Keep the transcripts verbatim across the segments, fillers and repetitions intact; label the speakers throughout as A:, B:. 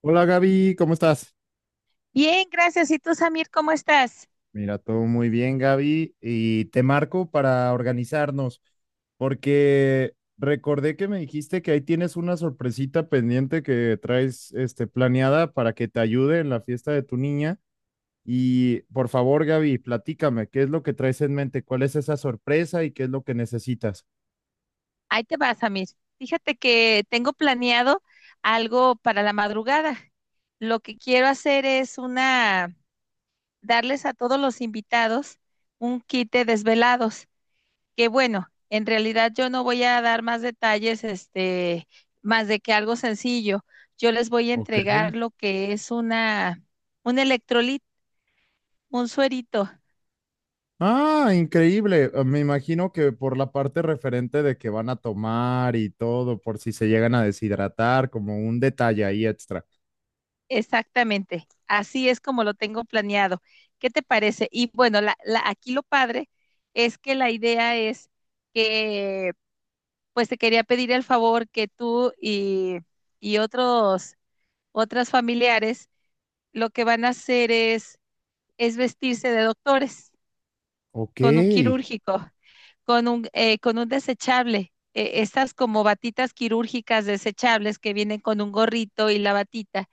A: Hola Gaby, ¿cómo estás?
B: Bien, gracias. ¿Y tú, Samir, cómo estás?
A: Mira, todo muy bien Gaby y te marco para organizarnos porque recordé que me dijiste que ahí tienes una sorpresita pendiente que traes este, planeada para que te ayude en la fiesta de tu niña y por favor Gaby, platícame, ¿qué es lo que traes en mente? ¿Cuál es esa sorpresa y qué es lo que necesitas?
B: Ahí te va, Samir. Fíjate que tengo planeado algo para la madrugada. Lo que quiero hacer es una, darles a todos los invitados un kit de desvelados, que bueno, en realidad yo no voy a dar más detalles, este, más de que algo sencillo. Yo les voy a
A: Ok.
B: entregar lo que es una, un electrolit, un suerito.
A: Ah, increíble. Eh, Me imagino que por la parte referente de que van a tomar y todo, por si se llegan a deshidratar, como un detalle ahí extra.
B: Exactamente, así es como lo tengo planeado. ¿Qué te parece? Y bueno, la, la- aquí lo padre es que la idea es que, pues te quería pedir el favor que tú y, y otros, otras familiares lo que van a hacer es, es vestirse de doctores
A: Ok.
B: con un quirúrgico, con un, eh, con un desechable. Eh, estas como batitas quirúrgicas desechables que vienen con un gorrito y la batita.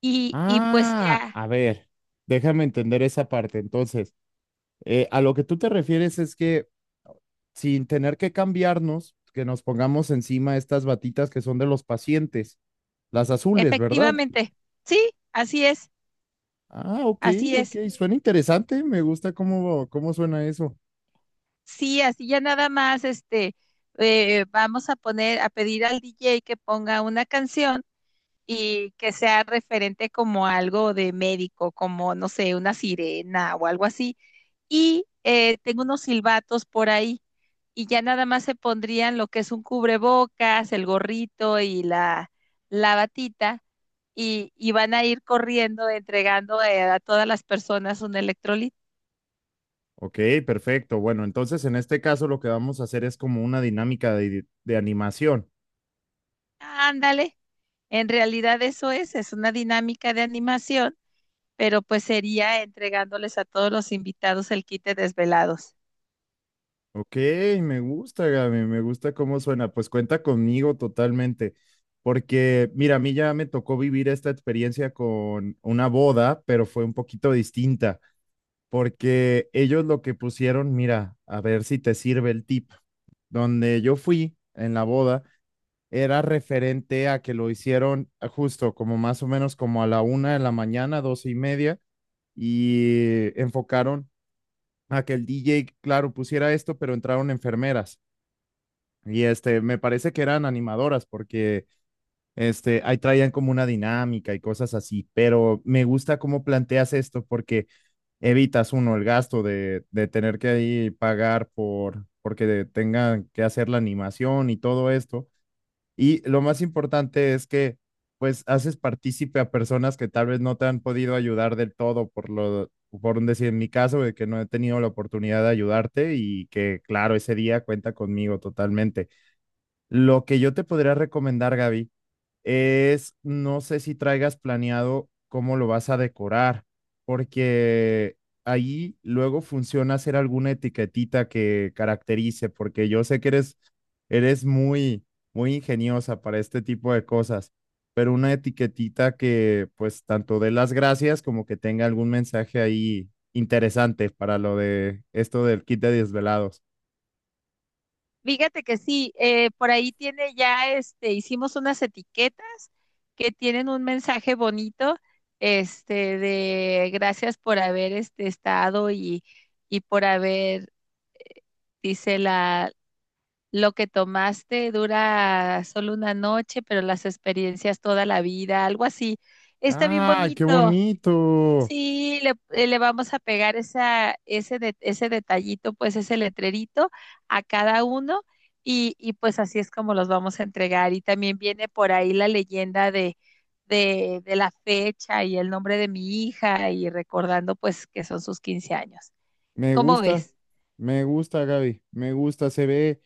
B: Y, y pues
A: Ah,
B: ya.
A: a ver, déjame entender esa parte. Entonces, eh, a lo que tú te refieres es que sin tener que cambiarnos, que nos pongamos encima estas batitas que son de los pacientes, las azules, ¿verdad?
B: Efectivamente, sí, así es,
A: Ah, ok,
B: así
A: ok.
B: es.
A: Suena interesante. Me gusta cómo, cómo suena eso.
B: Sí, así ya nada más, este, eh, vamos a poner, a pedir al D J que ponga una canción y que sea referente como algo de médico, como, no sé, una sirena o algo así. Y eh, tengo unos silbatos por ahí y ya nada más se pondrían lo que es un cubrebocas, el gorrito y la, la batita y, y van a ir corriendo entregando eh, a todas las personas un electrolito.
A: Ok, perfecto. Bueno, entonces en este caso lo que vamos a hacer es como una dinámica de, de animación.
B: Ándale, en realidad eso es, es una dinámica de animación, pero pues sería entregándoles a todos los invitados el kit de desvelados.
A: Ok, me gusta, Gaby, me gusta cómo suena. Pues cuenta conmigo totalmente, porque mira, a mí ya me tocó vivir esta experiencia con una boda, pero fue un poquito distinta, porque ellos lo que pusieron, mira, a ver si te sirve el tip, donde yo fui en la boda era referente a que lo hicieron ah, justo como más o menos como a la una de la mañana, doce y media y enfocaron a que el D J, claro, pusiera esto, pero entraron enfermeras. Y este, me parece que eran animadoras porque este, ahí traían como una dinámica y cosas así, pero me gusta cómo planteas esto porque evitas uno el gasto de, de tener que ahí pagar por porque tengan que hacer la animación y todo esto y lo más importante es que pues haces partícipe a personas que tal vez no te han podido ayudar del todo por lo, por un decir en mi caso, de que no he tenido la oportunidad de ayudarte y que claro, ese día cuenta conmigo totalmente. Lo que yo te podría recomendar, Gaby, es, no sé si traigas planeado cómo lo vas a decorar, porque ahí luego funciona hacer alguna etiquetita que caracterice, porque yo sé que eres, eres muy, muy ingeniosa para este tipo de cosas, pero una etiquetita que pues tanto dé las gracias como que tenga algún mensaje ahí interesante para lo de esto del kit de desvelados.
B: Fíjate que sí, eh, por ahí tiene ya, este, hicimos unas etiquetas que tienen un mensaje bonito, este, de gracias por haber, este, estado y, y por haber, eh, dice: "Lo que tomaste dura solo una noche, pero las experiencias toda la vida", algo así. Está bien
A: ¡Ah, qué
B: bonito.
A: bonito!
B: Sí, le, eh, le vamos a pegar esa, ese, de- ese detallito, pues ese letrerito a cada uno y, y pues así es como los vamos a entregar. Y también viene por ahí la leyenda de, de, de la fecha y el nombre de mi hija y recordando pues que son sus quince años.
A: Me
B: ¿Cómo
A: gusta,
B: ves?
A: me gusta, Gaby, me gusta, se ve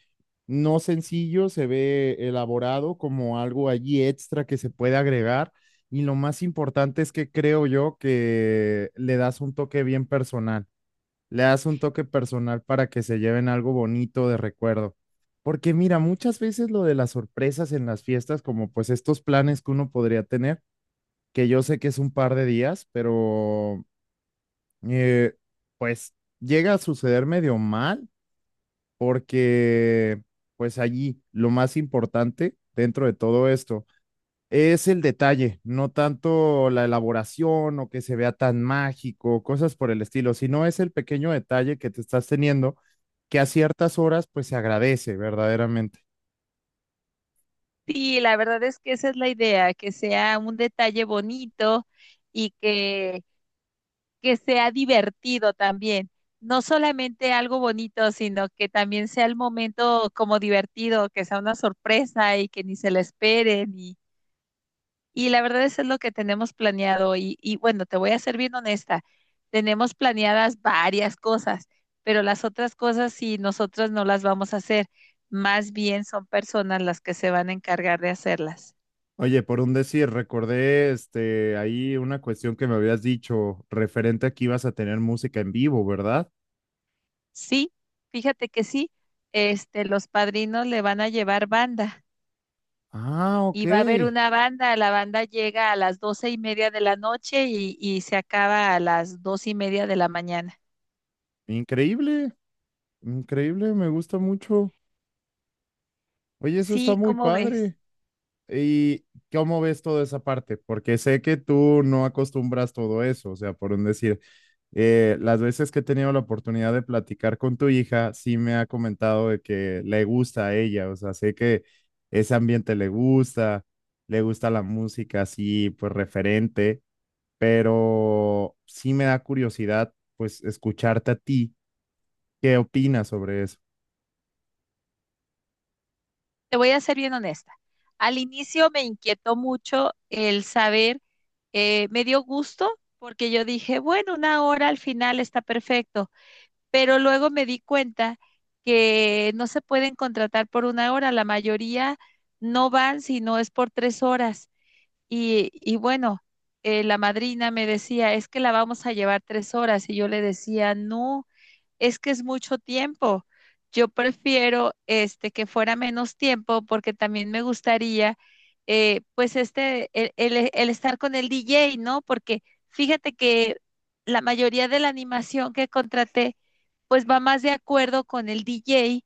A: no sencillo, se ve elaborado como algo allí extra que se puede agregar y lo más importante es que creo yo que le das un toque bien personal, le das un toque personal para que se lleven algo bonito de recuerdo. Porque mira, muchas veces lo de las sorpresas en las fiestas, como pues estos planes que uno podría tener, que yo sé que es un par de días, pero eh, pues llega a suceder medio mal porque pues allí lo más importante dentro de todo esto es el detalle, no tanto la elaboración o que se vea tan mágico, cosas por el estilo, sino es el pequeño detalle que te estás teniendo que a ciertas horas pues se agradece verdaderamente.
B: Sí, la verdad es que esa es la idea, que sea un detalle bonito y que, que sea divertido también. No solamente algo bonito, sino que también sea el momento como divertido, que sea una sorpresa y que ni se la esperen. Y, y la verdad eso es lo que tenemos planeado. Y, y bueno, te voy a ser bien honesta, tenemos planeadas varias cosas, pero las otras cosas sí, nosotros no las vamos a hacer. Más bien son personas las que se van a encargar de hacerlas.
A: Oye, por un decir, recordé este ahí una cuestión que me habías dicho referente a que ibas a tener música en vivo, ¿verdad?
B: Sí, fíjate que sí, este, los padrinos le van a llevar banda
A: Ah, ok.
B: y va a haber una banda, la banda llega a las doce y media de la noche y, y se acaba a las dos y media de la mañana.
A: Increíble, increíble, me gusta mucho. Oye, eso está
B: Sí,
A: muy
B: ¿cómo ves?
A: padre. ¿Y cómo ves toda esa parte? Porque sé que tú no acostumbras todo eso, o sea, por un decir, eh, las veces que he tenido la oportunidad de platicar con tu hija, sí me ha comentado de que le gusta a ella, o sea, sé que ese ambiente le gusta, le gusta la música así, pues referente, pero sí me da curiosidad, pues, escucharte a ti, ¿qué opinas sobre eso?
B: Te voy a ser bien honesta. Al inicio me inquietó mucho el saber, eh, me dio gusto porque yo dije, bueno, una hora al final está perfecto, pero luego me di cuenta que no se pueden contratar por una hora, la mayoría no van si no es por tres horas. Y, y bueno, eh, la madrina me decía, es que la vamos a llevar tres horas y yo le decía, no, es que es mucho tiempo. Yo prefiero este que fuera menos tiempo porque también me gustaría eh, pues este el, el- el estar con el D J, ¿no? Porque fíjate que la mayoría de la animación que contraté pues va más de acuerdo con el D J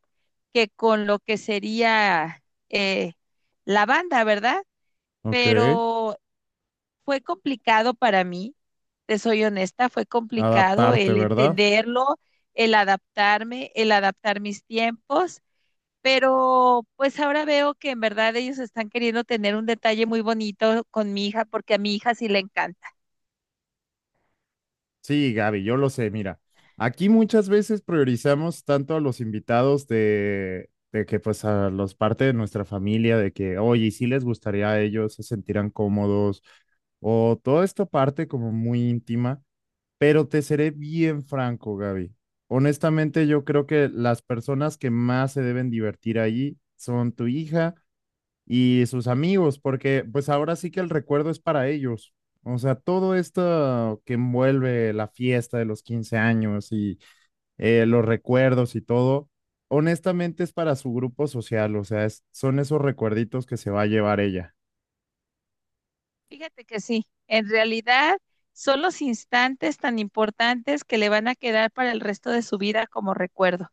B: que con lo que sería eh, la banda, ¿verdad?
A: Ok.
B: Pero fue complicado para mí, te soy honesta, fue complicado
A: Adaptarte,
B: el
A: ¿verdad?
B: entenderlo, el adaptarme, el adaptar mis tiempos, pero pues ahora veo que en verdad ellos están queriendo tener un detalle muy bonito con mi hija porque a mi hija sí le encanta.
A: Sí, Gaby, yo lo sé. Mira, aquí muchas veces priorizamos tanto a los invitados de, de que pues a los parte de nuestra familia, de que, oye, si les gustaría a ellos, se sentirán cómodos, o toda esta parte como muy íntima, pero te seré bien franco, Gaby. Honestamente, yo creo que las personas que más se deben divertir ahí son tu hija y sus amigos, porque pues ahora sí que el recuerdo es para ellos. O sea, todo esto que envuelve la fiesta de los quince años y eh, los recuerdos y todo, honestamente es para su grupo social, o sea, es- son esos recuerditos que se va a llevar ella.
B: Fíjate que sí, en realidad son los instantes tan importantes que le van a quedar para el resto de su vida como recuerdo.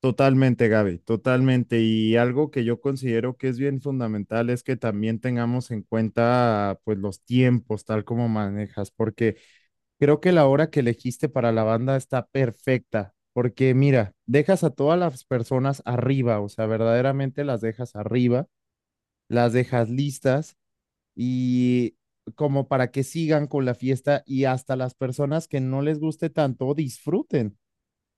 A: Totalmente, Gaby, totalmente. Y algo que yo considero que es bien fundamental es que también tengamos en cuenta pues los tiempos, tal como manejas, porque creo que la hora que elegiste para la banda está perfecta, porque mira, dejas a todas las personas arriba, o sea, verdaderamente las dejas arriba, las dejas listas y como para que sigan con la fiesta y hasta las personas que no les guste tanto disfruten,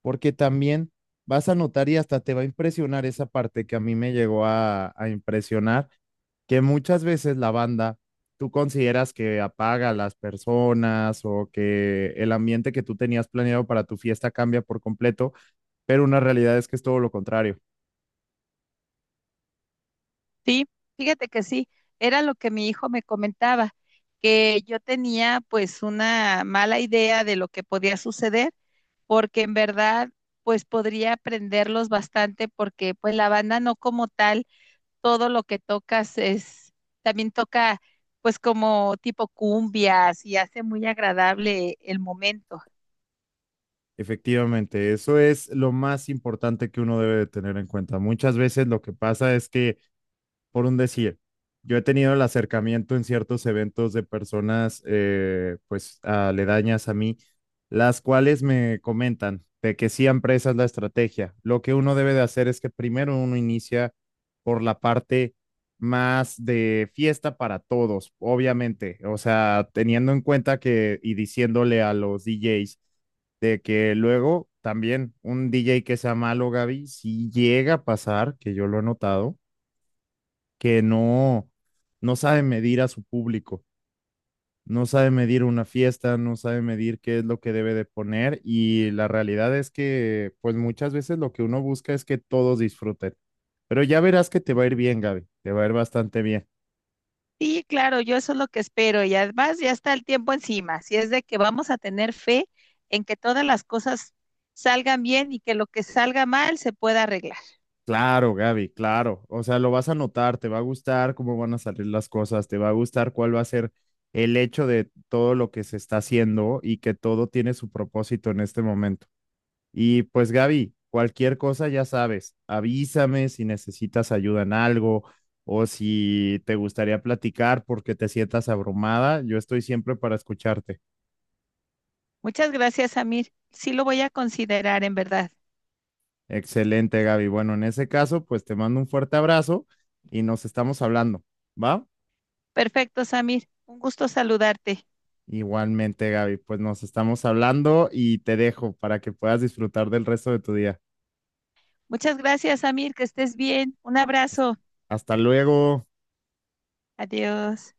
A: porque también vas a notar y hasta te va a impresionar esa parte que a mí me llegó a, a impresionar que muchas veces la banda, tú consideras que apaga a las personas o que el ambiente que tú tenías planeado para tu fiesta cambia por completo, pero una realidad es que es todo lo contrario.
B: Sí, fíjate que sí, era lo que mi hijo me comentaba, que yo tenía pues una mala idea de lo que podía suceder, porque en verdad pues podría aprenderlos bastante, porque pues la banda no como tal, todo lo que tocas es, también toca pues como tipo cumbias y hace muy agradable el momento.
A: Efectivamente, eso es lo más importante que uno debe de tener en cuenta. Muchas veces lo que pasa es que por un decir, yo he tenido el acercamiento en ciertos eventos de personas, eh, pues, aledañas a mí, las cuales me comentan de que siempre esa es la estrategia. Lo que uno debe de hacer es que primero uno inicia por la parte más de fiesta para todos, obviamente, o sea, teniendo en cuenta que y diciéndole a los D Js de que luego también un D J que sea malo, Gaby, si llega a pasar, que yo lo he notado, que no, no sabe medir a su público, no sabe medir una fiesta, no sabe medir qué es lo que debe de poner y la realidad es que pues muchas veces lo que uno busca es que todos disfruten. Pero ya verás que te va a ir bien, Gaby, te va a ir bastante bien.
B: Sí, claro, yo eso es lo que espero y además ya está el tiempo encima, si es de que vamos a tener fe en que todas las cosas salgan bien y que lo que salga mal se pueda arreglar.
A: Claro, Gaby, claro. O sea, lo vas a notar, te va a gustar cómo van a salir las cosas, te va a gustar cuál va a ser el hecho de todo lo que se está haciendo y que todo tiene su propósito en este momento. Y pues Gaby, cualquier cosa ya sabes, avísame si necesitas ayuda en algo o si te gustaría platicar porque te sientas abrumada, yo estoy siempre para escucharte.
B: Muchas gracias, Samir. Sí lo voy a considerar en verdad.
A: Excelente, Gaby. Bueno, en ese caso, pues te mando un fuerte abrazo y nos estamos hablando, ¿va?
B: Perfecto, Samir. Un gusto saludarte.
A: Igualmente, Gaby, pues nos estamos hablando y te dejo para que puedas disfrutar del resto de tu día.
B: Muchas gracias, Samir, que estés bien. Un
A: Hasta
B: abrazo.
A: Hasta luego.
B: Adiós.